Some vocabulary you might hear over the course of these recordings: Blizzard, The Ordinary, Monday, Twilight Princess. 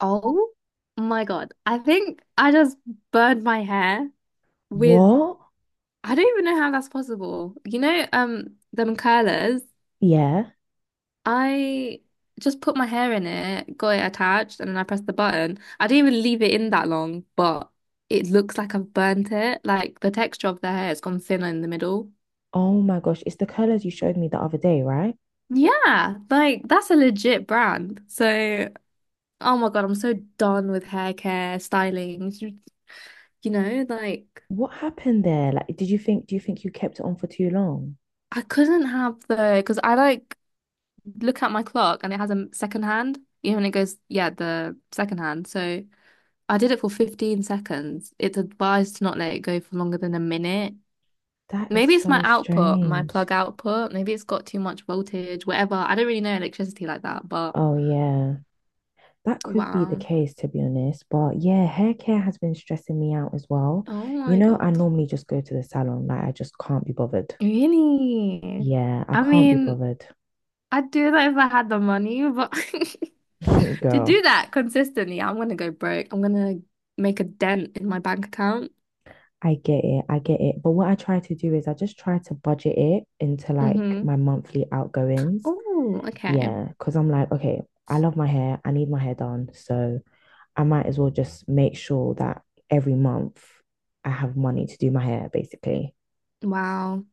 Oh my God. I think I just burned my hair with, What? I don't even know how that's possible. Them curlers, Yeah. I just put my hair in it, got it attached, and then I pressed the button. I didn't even leave it in that long, but it looks like I've burnt it. Like the texture of the hair has gone thinner in the middle. Oh my gosh, it's the colors you showed me the other day, right? Yeah, like that's a legit brand. So, oh my God, I'm so done with hair care, styling. You know, like. What happened there? Like, do you think you kept it on for too long? I couldn't have the because I like look at my clock and it has a second hand, you know, and it goes, yeah, the second hand. So I did it for 15 seconds. It's advised to not let it go for longer than a minute. That is Maybe it's my so output, my strange. plug output. Maybe it's got too much voltage, whatever. I don't really know electricity like that, but Oh yeah. That could be the wow. case, to be honest. But yeah, hair care has been stressing me out as well. Oh my I God. normally just go to the salon. Like, I just can't be bothered. Really? Yeah, I I can't be mean, bothered. I'd do that if I had the money, but to do Girl, that consistently, I'm gonna go broke. I'm gonna make a dent in my bank account. I get it. I get it. But what I try to do is I just try to budget it into like Mm-hmm. my monthly outgoings. Oh, okay. Yeah, because I'm like, okay, I love my hair. I need my hair done. So I might as well just make sure that every month I have money to do my hair, basically. Wow.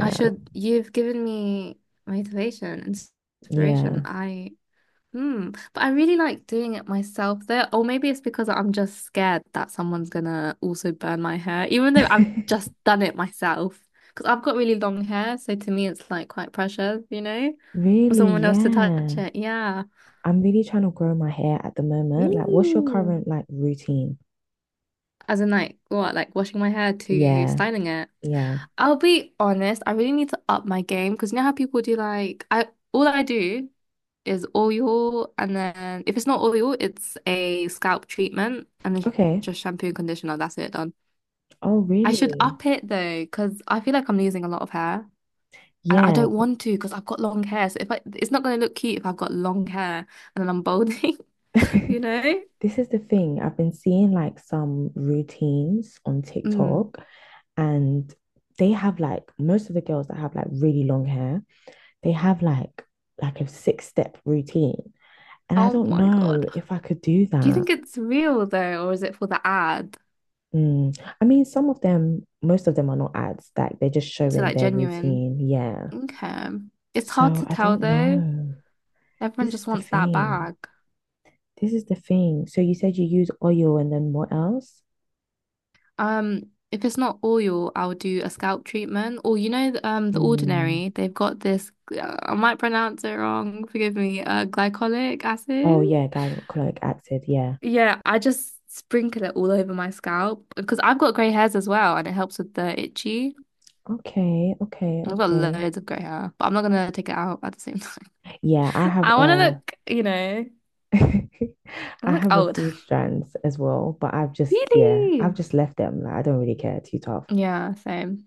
I should, you've given me motivation, and inspiration. yeah. I, hmm. But I really like doing it myself though. Or maybe it's because I'm just scared that someone's gonna also burn my hair, even though I've just done it myself. Because I've got really long hair, so to me it's like quite precious, you know, for Really, someone else to touch yeah. it. Yeah. I'm really trying to grow my hair at the moment. Like, what's your Really? current like routine? As in like what, like washing my hair to Yeah, styling it. yeah. I'll be honest, I really need to up my game because you know how people do like I all I do is oil, and then if it's not oil, it's a scalp treatment and then Okay. just shampoo and conditioner, that's it done. Oh, I should really? up it though, because I feel like I'm losing a lot of hair. And I Yeah. don't want to because I've got long hair. So if I, it's not going to look cute if I've got long hair and then I'm balding, But you know? this is the thing. I've been seeing like some routines on Mm. TikTok and they have like most of the girls that have like really long hair, they have like a six step routine. And I Oh don't my God. know if I could do Do you that. think it's real though, or is it for the ad? Mm. I mean, some of them, most of them are not ads, like they're just So showing like their genuine. routine. Yeah. Okay. It's hard So to I tell don't though. know. Everyone This is just the wants that thing. bag. This is the thing. So you said you use oil and then what else? If it's not oil, I'll do a scalp treatment. Or you know, The Mm. Ordinary, they've got this, I might pronounce it wrong, forgive me, glycolic Oh acid. yeah, glycolic acid. Yeah. Yeah, I just sprinkle it all over my scalp because I've got grey hairs as well and it helps with the itchy. Okay, okay, I've got okay. loads of grey hair, but I'm not gonna take it out at the same time. Yeah, I have I wanna a look, you know, I I look have a old. few strands as well, but I've just, yeah, I've Really? just left them. Like, I don't really care. Too tough. Yeah, same.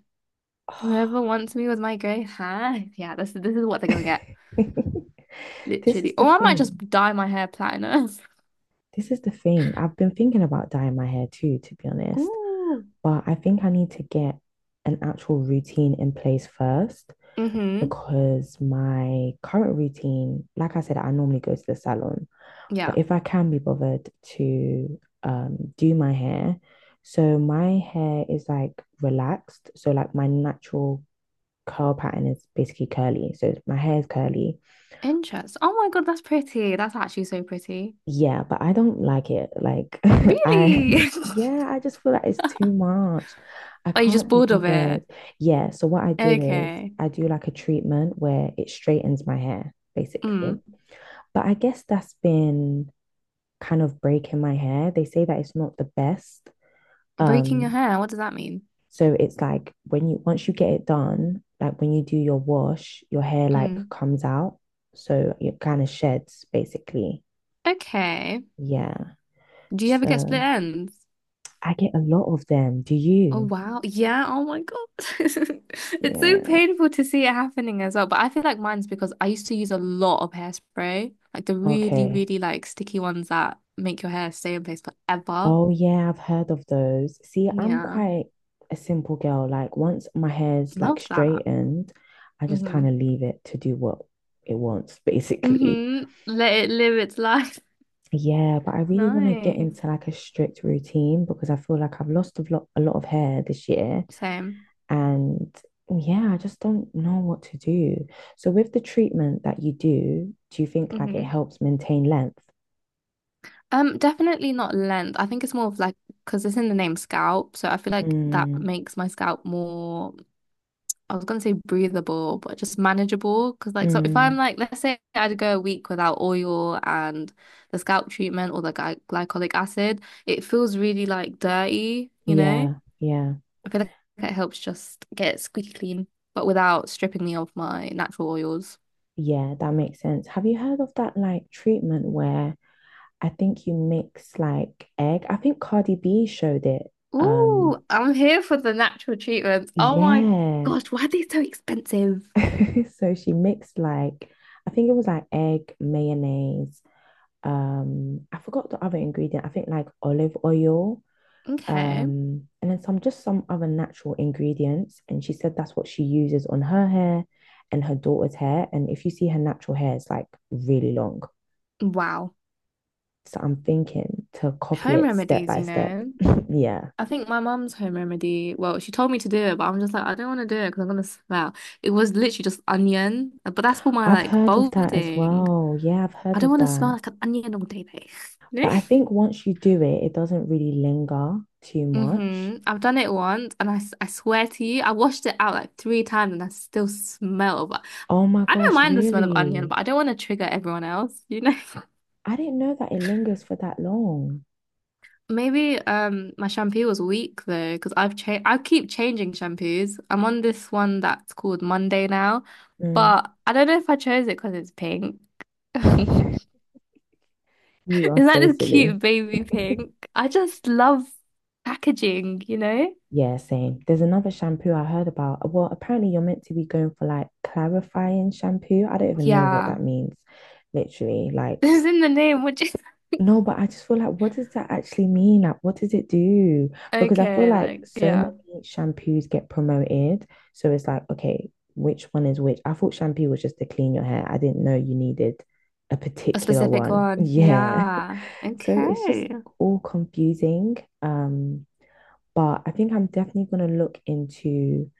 Whoever wants me with my grey hair. Yeah, this is what they're gonna get. This is Literally. the Or I might just thing. dye my hair platinum. This is the thing. I've been thinking about dyeing my hair too, to be honest. Ooh. But I think I need to get an actual routine in place first Mm-hmm. because my current routine, like I said, I normally go to the salon. Yeah. But if I can be bothered to do my hair, so my hair is like relaxed. So like my natural curl pattern is basically curly. So my hair is curly. Interest. Oh my God, that's pretty. That's actually so pretty. Yeah, but I don't like it. Like I Really? yeah, I just feel like it's too much. I Are you just can't be bored of it? bothered. Yeah, so what I do is Okay. I do like a treatment where it straightens my hair, basically. Mm. But I guess that's been kind of breaking my hair. They say that it's not the best. Breaking your Um, hair, what does that mean? so it's like when you once you get it done, like when you do your wash, your hair like Mm. comes out. So it kind of sheds basically. Okay. Yeah. Do you ever get split So ends? I get a lot of them. Do Oh you? wow. Yeah. Oh my God. It's so Yeah. painful to see it happening as well. But I feel like mine's because I used to use a lot of hairspray, like the really, Okay. really like sticky ones that make your hair stay in place forever. Oh yeah, I've heard of those. See, I'm Yeah. quite a simple girl. Like once my hair's like Love that. straightened, I just Mm-hmm. kind of leave it to do what it wants, basically. Mm-hmm. Let it live its life. Yeah, but I really want to get Nice. into like a strict routine because I feel like I've lost a lot of hair this year. Same. And yeah, I just don't know what to do. So with the treatment that you do, do you think like it Mm-hmm. helps maintain length? Definitely not length. I think it's more of like because it's in the name scalp, so I feel like that Mm, makes my scalp more I was gonna say breathable, but just manageable. Because like, so if I'm mm, like, let's say I'd go a week without oil and the scalp treatment or the glycolic acid, it feels really like dirty, you know? yeah, yeah, I feel like it helps just get it squeaky clean, but without stripping me of my natural oils. yeah, that makes sense. Have you heard of that like treatment where I think you mix like egg? I think Cardi B showed it. Um, Ooh, I'm here for the natural treatments. Oh my yeah. gosh, why are they so expensive? So she mixed like I think it was like egg, mayonnaise, I forgot the other ingredient. I think like olive oil, Okay. And then some other natural ingredients. And she said that's what she uses on her hair and her daughter's hair. And if you see her natural hair, it's like really long. Wow. So I'm thinking to copy Home it step remedies, by you step. know? Yeah. I think my mum's home remedy, well, she told me to do it, but I'm just like, I don't want to do it because I'm gonna smell. It was literally just onion, but that's for my I've like heard of that as balding. well. Yeah, I've I heard don't of want to smell that. like an onion all day, day. No? But I think once you do it, it doesn't really linger too much. Mm-hmm. I've done it once, and I swear to you, I washed it out like 3 times, and I still smell. But Oh my I don't gosh, mind the smell of onion, really? but I don't want to trigger everyone else, you know? I didn't know that it lingers for that long. Maybe my shampoo was weak though, because I keep changing shampoos. I'm on this one that's called Monday now, Mm. but I don't know if I chose it because it's pink. Is You are that so this cute silly. baby pink? I just love packaging, you know? Yeah, same. There's another shampoo I heard about. Well, apparently you're meant to be going for like clarifying shampoo. I don't even know what Yeah. that means, literally. This is in the name, which is No, but I just feel like, what does that actually mean? Like, what does it do? Because I feel okay, like like so yeah. many shampoos get promoted. So it's like, okay, which one is which? I thought shampoo was just to clean your hair. I didn't know you needed a A particular specific one. one. Yeah. Yeah. So it's just Okay. all confusing. Um, but I think I'm definitely going to look into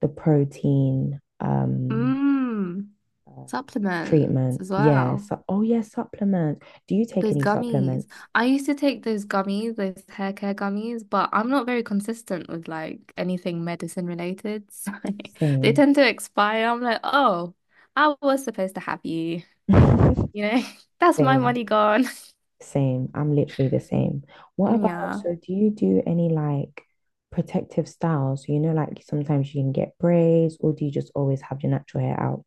the protein Mmm. uh, Supplements treatment. as Yeah. well. So, oh yeah, supplements. Do you take Those any gummies. supplements? I used to take those gummies, those hair care gummies, but I'm not very consistent with like anything medicine related. So they Same. tend to expire. I'm like, oh, I was supposed to have you. You know, that's my Same, money gone. same. I'm literally the same. What about, Yeah. so do you do any like protective styles? You know, like sometimes you can get braids, or do you just always have your natural hair out?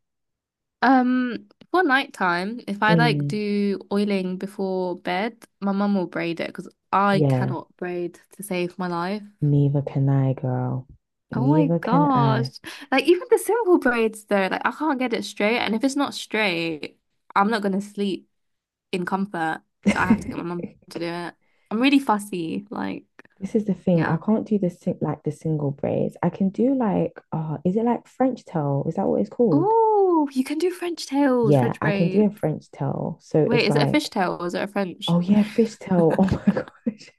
For nighttime, if I like Mm, do oiling before bed, my mum will braid it because I yeah, cannot braid to save my life. neither can I, girl. Oh my Neither can gosh. I. Like even the simple braids though, like I can't get it straight. And if it's not straight, I'm not gonna sleep in comfort. So I have to get my mum to do it. I'm really fussy, like This is the thing. I yeah. can't do the single braids. I can do like, is it like French tail? Is that what it's called? Oh, you can do French tails, Yeah, French I can do a braids. French tail. So Wait, it's is it a like, fishtail or is it a French? oh yeah, fish tail. Oh my gosh.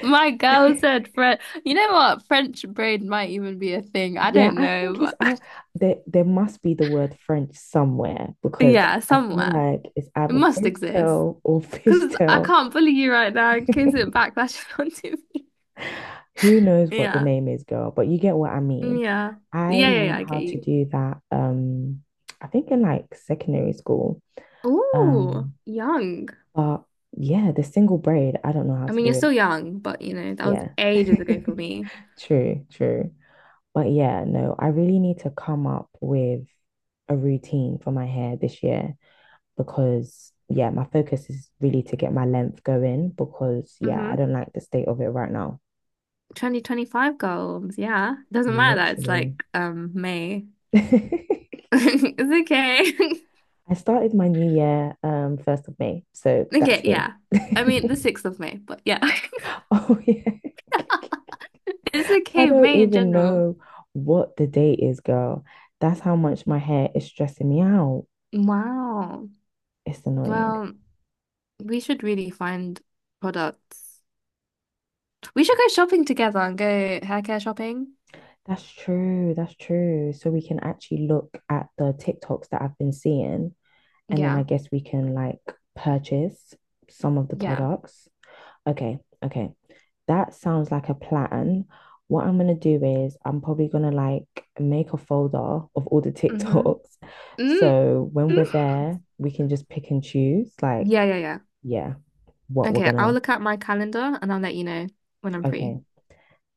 My girl said French. You know what? French braid might even be a thing. I Yeah, don't I think it's know. But I there there must be the word French somewhere because yeah, I feel somewhere. like it's It either must French exist. tail or fish Because I tail. can't bully you right now in case it backlashes onto me. Who knows what the Yeah. name is, girl, but you get what I mean. Yeah. I Yeah, yeah, yeah, learned I how get to you. do that I think in like secondary school. Ooh, Um young. but yeah, the single braid, I don't know how I to mean, you're do still it. young, but you know, that was Yeah. ages ago for me. True, true. But yeah, no, I really need to come up with a routine for my hair this year because, yeah, my focus is really to get my length going because, yeah, I Mm-hmm. don't like the state of it right now. 2025 goals. Yeah. Doesn't matter that it's Literally. like May. I It's okay. started my new year first of May, so Okay, that's me. yeah. I mean, the 6th of May, but yeah. Oh yeah. It's I okay, don't May in even general. know what the date is, girl. That's how much my hair is stressing me out. Wow. It's annoying. Well, we should really find products. We should go shopping together and go hair care shopping. That's true. That's true. So we can actually look at the TikToks that I've been seeing, and then I Yeah. guess we can like purchase some of the Yeah. products. Okay, okay. That sounds like a plan. What I'm gonna do is I'm probably gonna like make a folder of all the Mm-hmm. TikToks. mm So when we're there, we can just pick and choose, like, Yeah, yeah, yeah. yeah, what we're Okay, I'll gonna. look at my calendar and I'll let you know when I'm free. Okay.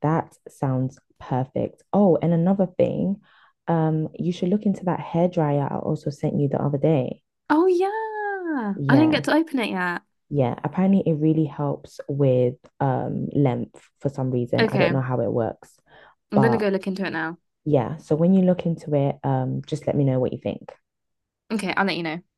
That sounds perfect. Oh, and another thing, you should look into that hair dryer I also sent you the other day. Oh, yeah. I didn't get Yeah, to open it yet. yeah. Apparently it really helps with length for some reason. I don't Okay, know how it works, I'm gonna but go look into it now. yeah, so when you look into it, just let me know what you think. Okay, I'll let you know.